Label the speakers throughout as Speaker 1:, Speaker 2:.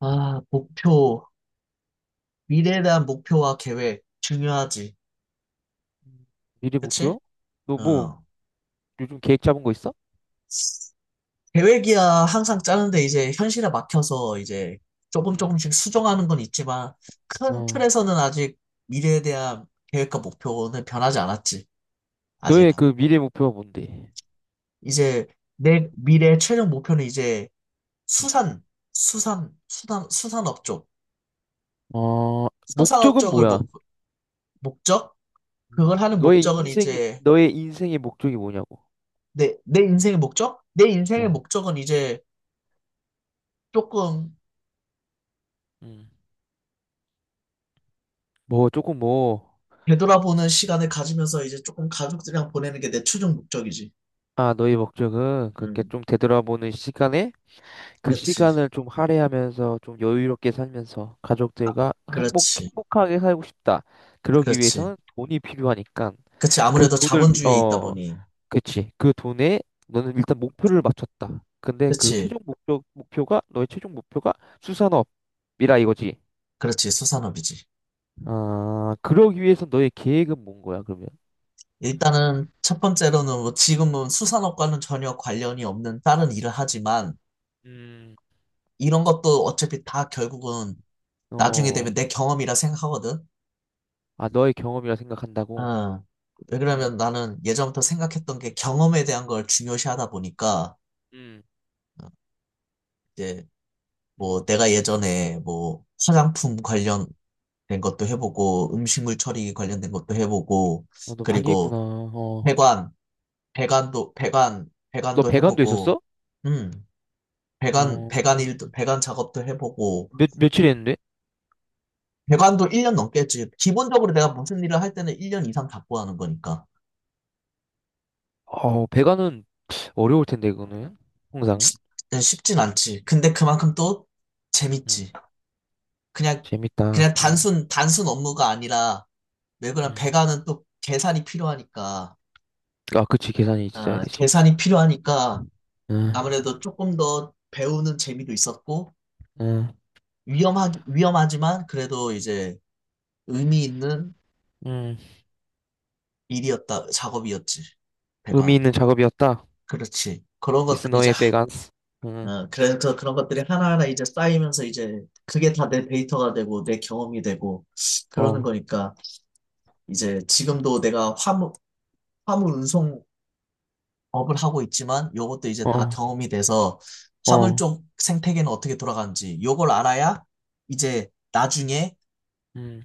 Speaker 1: 아, 목표, 미래에 대한 목표와 계획, 중요하지.
Speaker 2: 음. 미래
Speaker 1: 그치?
Speaker 2: 목표? 너 뭐
Speaker 1: 어.
Speaker 2: 요즘 계획 잡은 거 있어?
Speaker 1: 계획이야 항상 짜는데 이제 현실에 막혀서 이제 조금
Speaker 2: 음.
Speaker 1: 조금씩 수정하는 건 있지만 큰
Speaker 2: 어.
Speaker 1: 틀에서는 아직 미래에 대한 계획과 목표는 변하지 않았지. 아직.
Speaker 2: 너의
Speaker 1: 은
Speaker 2: 그 미래 목표가 뭔데?
Speaker 1: 이제 내 미래의 최종 목표는 이제 수산, 수산업 쪽.
Speaker 2: 어,
Speaker 1: 수산업
Speaker 2: 목적은
Speaker 1: 쪽을
Speaker 2: 뭐야?
Speaker 1: 목적?
Speaker 2: 음.
Speaker 1: 그걸 하는 목적은 이제
Speaker 2: 너의 인생의 목적이 뭐냐고?
Speaker 1: 내 인생의 목적? 내 인생의
Speaker 2: 어.
Speaker 1: 목적은 이제 조금
Speaker 2: 음. 뭐 조금 뭐,
Speaker 1: 되돌아보는 시간을 가지면서 이제 조금 가족들이랑 보내는 게 내 최종 목적이지.
Speaker 2: 아, 너의 목적은 그렇게
Speaker 1: 음,
Speaker 2: 좀 되돌아보는 시간에 그
Speaker 1: 그렇지.
Speaker 2: 시간을 좀 할애하면서 좀 여유롭게 살면서 가족들과
Speaker 1: 그렇지.
Speaker 2: 행복하게 살고 싶다. 그러기
Speaker 1: 그렇지.
Speaker 2: 위해서는 돈이 필요하니까
Speaker 1: 그렇지.
Speaker 2: 그
Speaker 1: 아무래도
Speaker 2: 돈을, 위-
Speaker 1: 자본주의에 있다
Speaker 2: 어,
Speaker 1: 보니.
Speaker 2: 그치. 그 돈에 너는 일단 목표를 맞췄다. 근데
Speaker 1: 그렇지.
Speaker 2: 너의 최종 목표가 수산업이라 이거지.
Speaker 1: 그렇지. 수산업이지.
Speaker 2: 아, 그러기 위해서 너의 계획은 뭔 거야, 그러면?
Speaker 1: 일단은 첫 번째로는 뭐 지금은 수산업과는 전혀 관련이 없는 다른 일을 하지만
Speaker 2: 음,
Speaker 1: 이런 것도 어차피 다 결국은 나중에
Speaker 2: 어,
Speaker 1: 되면 내 경험이라 생각하거든.
Speaker 2: 아, 너의 경험이라 생각한다고?
Speaker 1: 어. 왜
Speaker 2: 음,
Speaker 1: 그러면 나는 예전부터 생각했던 게 경험에 대한 걸 중요시하다 보니까
Speaker 2: 음,
Speaker 1: 어, 이제
Speaker 2: 음.
Speaker 1: 뭐 내가 예전에 뭐 화장품 관련된 것도 해보고 음식물 처리 관련된 것도 해보고
Speaker 2: 어, 너 많이
Speaker 1: 그리고
Speaker 2: 했구나. 어,
Speaker 1: 배관 배관도 배관
Speaker 2: 너
Speaker 1: 배관도
Speaker 2: 배관도
Speaker 1: 해보고
Speaker 2: 있었어?
Speaker 1: 음 배관 배관
Speaker 2: 어,
Speaker 1: 일도 배관 작업도 해보고
Speaker 2: 며칠 했는데?
Speaker 1: 배관도 1년 넘게 했지 기본적으로 내가 무슨 일을 할 때는 1년 이상 잡고 하는 거니까
Speaker 2: 어, 배관은 어려울 텐데, 그거는. 항상.
Speaker 1: 네, 쉽진 않지 근데 그만큼 또
Speaker 2: 음,
Speaker 1: 재밌지 그냥
Speaker 2: 재밌다.
Speaker 1: 그냥 단순 업무가 아니라 왜 그런
Speaker 2: 음.
Speaker 1: 배관은 또 계산이 필요하니까
Speaker 2: 아, 그치. 계산이 있어야
Speaker 1: 아,
Speaker 2: 되지.
Speaker 1: 계산이 필요하니까
Speaker 2: 응,
Speaker 1: 아무래도 조금 더 배우는 재미도 있었고,
Speaker 2: 응,
Speaker 1: 위험하지만 그래도 이제 의미 있는
Speaker 2: 응.
Speaker 1: 일이었다, 작업이었지.
Speaker 2: 의미
Speaker 1: 배관.
Speaker 2: 있는 작업이었다.
Speaker 1: 그렇지. 그런
Speaker 2: It's
Speaker 1: 것들이 이제,
Speaker 2: 너의
Speaker 1: 하-
Speaker 2: 베간스. 응,
Speaker 1: 그래서 그런 것들이 하나하나 이제 쌓이면서 이제 그게 다 내 데이터가 되고 내 경험이 되고 그러는
Speaker 2: 어,
Speaker 1: 거니까 이제 지금도 내가 화물 운송 업을 하고 있지만 요것도 이제 다
Speaker 2: 어,
Speaker 1: 경험이 돼서 화물
Speaker 2: 어,
Speaker 1: 쪽 생태계는 어떻게 돌아가는지 요걸 알아야 이제 나중에
Speaker 2: 음,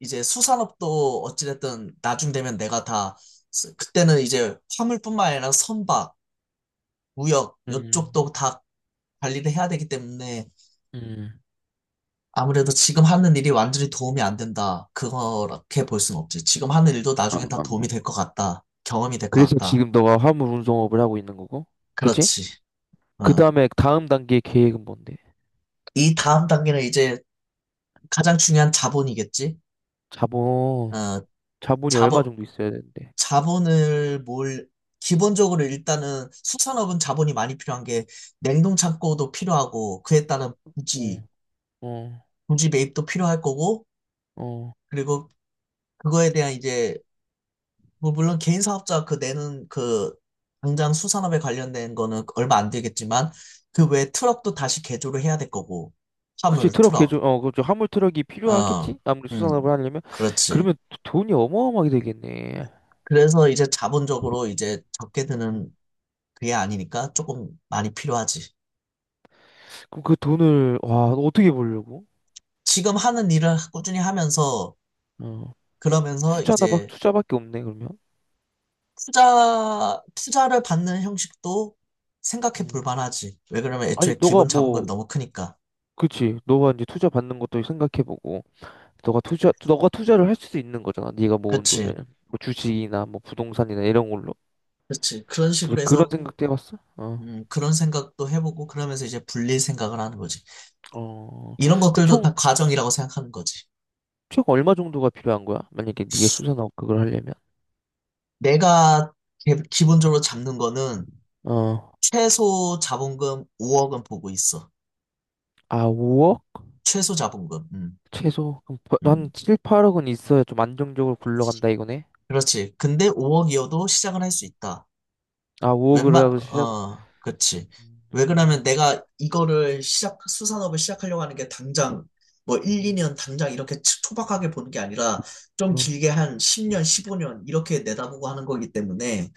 Speaker 1: 이제 수산업도 어찌됐든 나중 되면 내가 다. 그때는 이제 화물뿐만 아니라 선박, 무역
Speaker 2: 음,
Speaker 1: 요쪽도 다 관리를 해야 되기 때문에
Speaker 2: 음.
Speaker 1: 아무래도 지금 하는 일이 완전히 도움이 안 된다. 그렇게 볼 수는 없지. 지금 하는 일도
Speaker 2: 아,
Speaker 1: 나중에 다
Speaker 2: 아,
Speaker 1: 도움이
Speaker 2: 아.
Speaker 1: 될 것 같다. 경험이 될 것
Speaker 2: 그래서
Speaker 1: 같다.
Speaker 2: 지금 너가 화물 운송업을 하고 있는 거고, 그치?
Speaker 1: 그렇지.
Speaker 2: 그
Speaker 1: 응.
Speaker 2: 다음에 다음 단계 계획은 뭔데?
Speaker 1: 이 다음 단계는 이제 가장 중요한 자본이겠지?
Speaker 2: 자본,
Speaker 1: 어,
Speaker 2: 자본이
Speaker 1: 자본,
Speaker 2: 얼마 정도 있어야 되는데?
Speaker 1: 자본을 기본적으로 일단은 수산업은 자본이 많이 필요한 게 냉동 창고도 필요하고 그에 따른 부지,
Speaker 2: 어, 어,
Speaker 1: 부지 매입도 필요할 거고
Speaker 2: 어.
Speaker 1: 그리고 그거에 대한 이제 뭐 물론 개인 사업자 그 내는 그 당장 수산업에 관련된 거는 얼마 안 들겠지만 그 외에 트럭도 다시 개조를 해야 될 거고
Speaker 2: 그치,
Speaker 1: 화물,
Speaker 2: 트럭
Speaker 1: 트럭,
Speaker 2: 개조, 어, 그죠. 화물 트럭이
Speaker 1: 어,
Speaker 2: 필요하겠지? 아무리 수산업을
Speaker 1: 음,
Speaker 2: 하려면?
Speaker 1: 그렇지.
Speaker 2: 그러면 돈이 어마어마하게 되겠네.
Speaker 1: 그래서 이제 자본적으로 이제 적게
Speaker 2: 음.
Speaker 1: 드는 그게 아니니까 조금 많이 필요하지.
Speaker 2: 그럼 그 돈을, 와, 어떻게 벌려고?
Speaker 1: 지금 하는 일을 꾸준히 하면서
Speaker 2: 어.
Speaker 1: 그러면서
Speaker 2: 투자나 막,
Speaker 1: 이제
Speaker 2: 투자밖에 없네, 그러면.
Speaker 1: 투자를 받는 형식도 생각해 볼
Speaker 2: 음.
Speaker 1: 만하지. 왜 그러면
Speaker 2: 아니,
Speaker 1: 애초에
Speaker 2: 너가
Speaker 1: 기본 자본금이
Speaker 2: 뭐,
Speaker 1: 너무 크니까.
Speaker 2: 그치. 너가 이제 투자 받는 것도 생각해보고, 너가 투자를 할 수도 있는 거잖아. 네가 모은 돈을.
Speaker 1: 그렇지.
Speaker 2: 뭐 주식이나 뭐 부동산이나 이런 걸로.
Speaker 1: 그렇지. 그런
Speaker 2: 그래서
Speaker 1: 식으로
Speaker 2: 그런
Speaker 1: 해서
Speaker 2: 생각도 해봤어? 어.
Speaker 1: 그런 생각도 해보고 그러면서 이제 불릴 생각을 하는 거지.
Speaker 2: 어.
Speaker 1: 이런
Speaker 2: 그럼
Speaker 1: 것들도 다 과정이라고 생각하는 거지.
Speaker 2: 총 얼마 정도가 필요한 거야? 만약에 네가 수산업 그걸 하려면.
Speaker 1: 내가 기본적으로 잡는 거는
Speaker 2: 어.
Speaker 1: 최소 자본금 5억은 보고 있어.
Speaker 2: 아, 5억?
Speaker 1: 최소 자본금.
Speaker 2: 최소? 그럼 버- 한
Speaker 1: 음.
Speaker 2: 7, 8억은 있어야 좀 안정적으로 굴러간다 이거네?
Speaker 1: 그렇지. 근데 5억이어도 시작은 할 수 있다.
Speaker 2: 아, 5억
Speaker 1: 웬만,
Speaker 2: 하고 시작은.
Speaker 1: 어, 그렇지. 왜 그러냐면
Speaker 2: 음,
Speaker 1: 내가 이거를 수산업을 시작하려고 하는 게 당장, 뭐 1,
Speaker 2: 음,
Speaker 1: 2년 당장 이렇게 초박하게 보는 게 아니라 좀
Speaker 2: 어. 음.
Speaker 1: 길게 한 10년, 15년 이렇게 내다보고 하는 거기 때문에,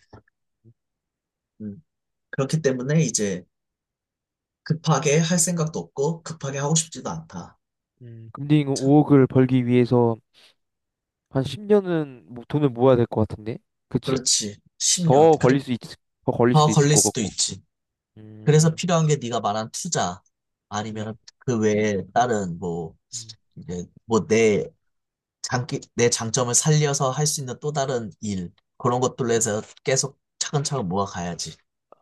Speaker 2: 음.
Speaker 1: 음, 그렇기 때문에 이제 급하게 할 생각도 없고 급하게 하고 싶지도 않다.
Speaker 2: 근데 이거
Speaker 1: 참,
Speaker 2: 5억을 벌기 위해서 한 10년은 뭐 돈을 모아야 될 것 같은데? 그치?
Speaker 1: 그렇지. 10년.
Speaker 2: 더 걸릴
Speaker 1: 그래,
Speaker 2: 수 있, 더 걸릴
Speaker 1: 더
Speaker 2: 수도 있을
Speaker 1: 걸릴
Speaker 2: 것
Speaker 1: 수도
Speaker 2: 같고.
Speaker 1: 있지. 그래서
Speaker 2: 음,
Speaker 1: 필요한 게 네가 말한 투자 아니면
Speaker 2: 음,
Speaker 1: 그 외에 다른 뭐
Speaker 2: 음.
Speaker 1: 이제 뭐 내 장점을 살려서 할 수 있는 또 다른 일 그런 것들로 해서 계속 차근차근 모아가야지.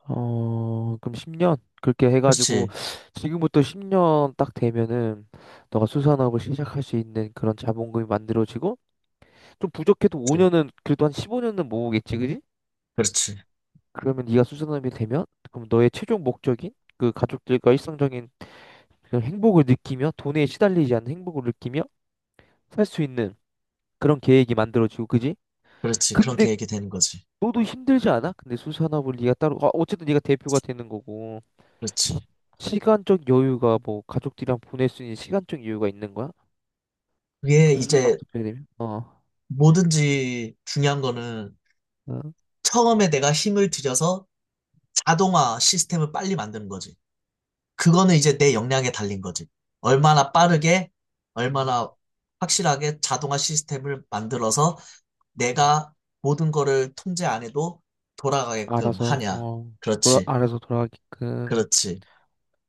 Speaker 2: 어, 그럼 10년? 그렇게 해가지고,
Speaker 1: 그렇지,
Speaker 2: 지금부터 10년 딱 되면은, 너가 수산업을 시작할 수 있는 그런 자본금이 만들어지고, 좀 부족해도
Speaker 1: 그래,
Speaker 2: 5년은, 그래도 한 15년은 모으겠지, 그지?
Speaker 1: 그렇지,
Speaker 2: 그러면 네가 수산업이 되면, 그럼 너의 최종 목적인, 그 가족들과 일상적인 그런 행복을 느끼며, 돈에 시달리지 않는 행복을 느끼며, 살 수 있는 그런 계획이 만들어지고, 그지?
Speaker 1: 그렇지. 그런
Speaker 2: 근데
Speaker 1: 계획이 되는 거지.
Speaker 2: 너도 힘들지 않아? 근데 수산업을 네가 따로 아, 어쨌든 네가 대표가 되는 거고
Speaker 1: 그렇지.
Speaker 2: 시간적 여유가 뭐 가족들이랑 보낼 수 있는 시간적 여유가 있는 거야?
Speaker 1: 그게
Speaker 2: 그
Speaker 1: 이제
Speaker 2: 수산업 대표가 되면 어,
Speaker 1: 뭐든지 중요한 거는
Speaker 2: 어.
Speaker 1: 처음에 내가 힘을 들여서 자동화 시스템을 빨리 만드는 거지. 그거는 이제 내 역량에 달린 거지. 얼마나 빠르게,
Speaker 2: 음,
Speaker 1: 얼마나 확실하게 자동화 시스템을 만들어서
Speaker 2: 음.
Speaker 1: 내가 모든 거를 통제 안 해도 돌아가게끔
Speaker 2: 알아서
Speaker 1: 하냐.
Speaker 2: 어
Speaker 1: 그렇지,
Speaker 2: 알아서 돌아가게끔
Speaker 1: 그렇지.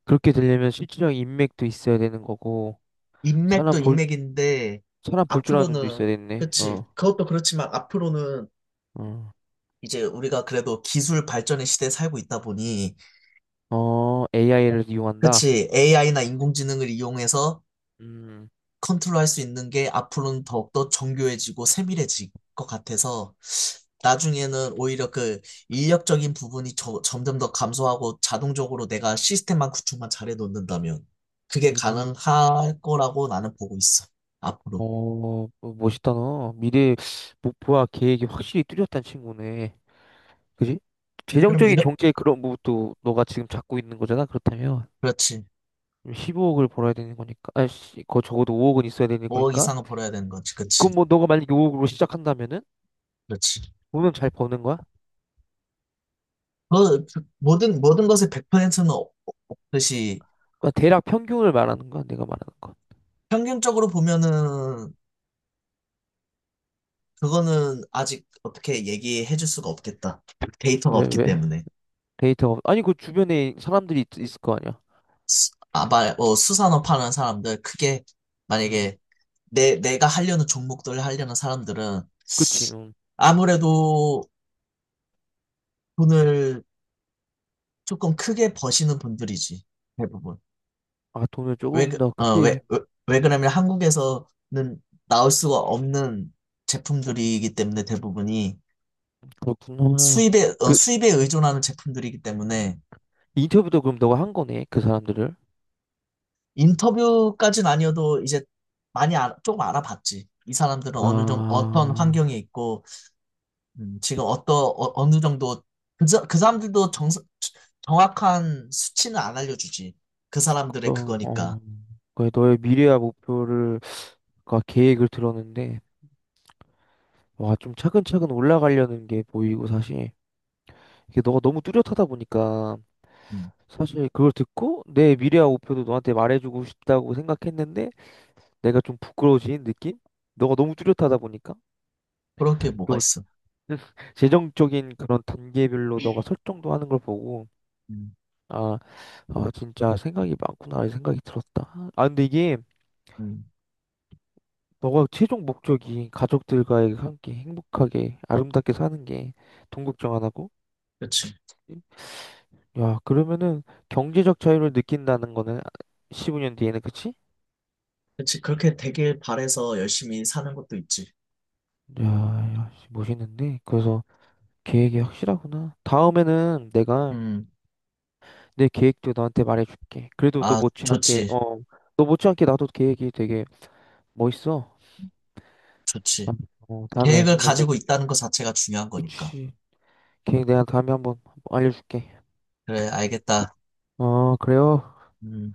Speaker 2: 그렇게 되려면 실질적 인맥도 있어야 되는 거고 사람
Speaker 1: 인맥도
Speaker 2: 볼
Speaker 1: 인맥인데,
Speaker 2: 사람 볼 줄 아는 눈도 있어야
Speaker 1: 앞으로는,
Speaker 2: 되네.
Speaker 1: 그치.
Speaker 2: 어,
Speaker 1: 그것도 그렇지만 앞으로는
Speaker 2: 어,
Speaker 1: 이제 우리가 그래도 기술 발전의 시대에 살고 있다 보니,
Speaker 2: 어 AI를 이용한다.
Speaker 1: 그치. AI나 인공지능을 이용해서
Speaker 2: 음.
Speaker 1: 컨트롤할 수 있는 게 앞으로는 더욱더 정교해지고 세밀해질 것 같아서 나중에는 오히려 그 인력적인 부분이 점점 더 감소하고 자동적으로 내가 시스템만 구축만 잘해 놓는다면 그게 가능할 거라고 나는 보고 있어. 앞으로.
Speaker 2: 어, 어, 멋있다, 너. 미래 목표와 계획이 확실히 뚜렷한 친구네. 그지?
Speaker 1: 그러면
Speaker 2: 재정적인
Speaker 1: 이런,
Speaker 2: 경제의 그런 부분도 너가 지금 잡고 있는 거잖아, 그렇다면.
Speaker 1: 그렇지.
Speaker 2: 15억을 벌어야 되는 거니까. 아씨, 그거 적어도 5억은 있어야 되는
Speaker 1: 5억
Speaker 2: 거니까.
Speaker 1: 이상은 벌어야 되는 거지. 그치.
Speaker 2: 그럼 뭐 너가 만약에 5억으로 시작한다면은
Speaker 1: 그렇지.
Speaker 2: 돈은 잘 버는 거야?
Speaker 1: 그 모든 것의 100%는 없듯이
Speaker 2: 그러니까 대략 평균을 말하는 거야, 내가 말하는 거.
Speaker 1: 평균적으로 보면은 그거는 아직 어떻게 얘기해 줄 수가 없겠다. 데이터가
Speaker 2: 왜,
Speaker 1: 없기
Speaker 2: 왜?
Speaker 1: 때문에.
Speaker 2: 데이터가, 아니, 그 주변에 사람들이 있을 거 아니야.
Speaker 1: 아마 수산업 하는 사람들, 크게,
Speaker 2: 음.
Speaker 1: 만약에 내가 하려는 종목들 하려는 사람들은
Speaker 2: 그치,
Speaker 1: 아무래도 돈을 조금 크게 버시는 분들이지, 대부분.
Speaker 2: 아, 돈을
Speaker 1: 왜,
Speaker 2: 조금
Speaker 1: 그-
Speaker 2: 더
Speaker 1: 어, 왜,
Speaker 2: 크게,
Speaker 1: 왜, 왜 그러냐면 한국에서는 나올 수가 없는 제품들이기 때문에 대부분이
Speaker 2: 그렇구나.
Speaker 1: 수입에 의존하는 제품들이기 때문에
Speaker 2: 인터뷰도 그럼 너가 한 거네, 그 사람들을.
Speaker 1: 인터뷰까지는 아니어도 이제 조금 알아봤지. 이 사람들은
Speaker 2: 아,
Speaker 1: 어느 정도, 어떤 환경에 있고, 지금 어느 정도, 그 사람들도 정확한 수치는 안 알려주지. 그 사람들의
Speaker 2: 너, 어,
Speaker 1: 그거니까.
Speaker 2: 그 너의 미래와 목표를, 그 계획을 들었는데, 와, 좀 차근차근 올라가려는 게 보이고, 사실. 이게 너가 너무 뚜렷하다 보니까,
Speaker 1: 음,
Speaker 2: 사실 그걸 듣고, 내 미래와 목표도 너한테 말해주고 싶다고 생각했는데, 내가 좀 부끄러워지는 느낌? 너가 너무 뚜렷하다 보니까.
Speaker 1: 그렇게 뭐가
Speaker 2: 또
Speaker 1: 있어.
Speaker 2: 재정적인 그런 단계별로 너가 설정도 하는 걸 보고,
Speaker 1: 음,
Speaker 2: 아, 아, 진짜 생각이 많구나, 이 생각이 들었다. 아, 근데 이게,
Speaker 1: 음,
Speaker 2: 너가 최종 목적이 가족들과의 함께 행복하게 아름답게 사는 게 돈 걱정 안 하고
Speaker 1: 그지
Speaker 2: 야 그러면은 경제적 자유를 느낀다는 거는 15년 뒤에는 그치?
Speaker 1: 그지 그렇게 되길 바래서 열심히 사는 것도 있지.
Speaker 2: 야, 야 씨, 멋있는데 그래서 계획이 확실하구나. 다음에는 내가
Speaker 1: 음,
Speaker 2: 내 계획도 너한테 말해줄게. 그래도 너
Speaker 1: 아,
Speaker 2: 못지않게
Speaker 1: 좋지.
Speaker 2: 어 너 못지않게 나도 계획이 되게 멋있어. 어,
Speaker 1: 좋지.
Speaker 2: 어, 다음에
Speaker 1: 계획을
Speaker 2: 뭐 내가
Speaker 1: 가지고 있다는 것 자체가 중요한 거니까.
Speaker 2: 그치 계획 내가 다음에 한번 알려줄게.
Speaker 1: 그래, 알겠다.
Speaker 2: 어, 그래요.
Speaker 1: 음.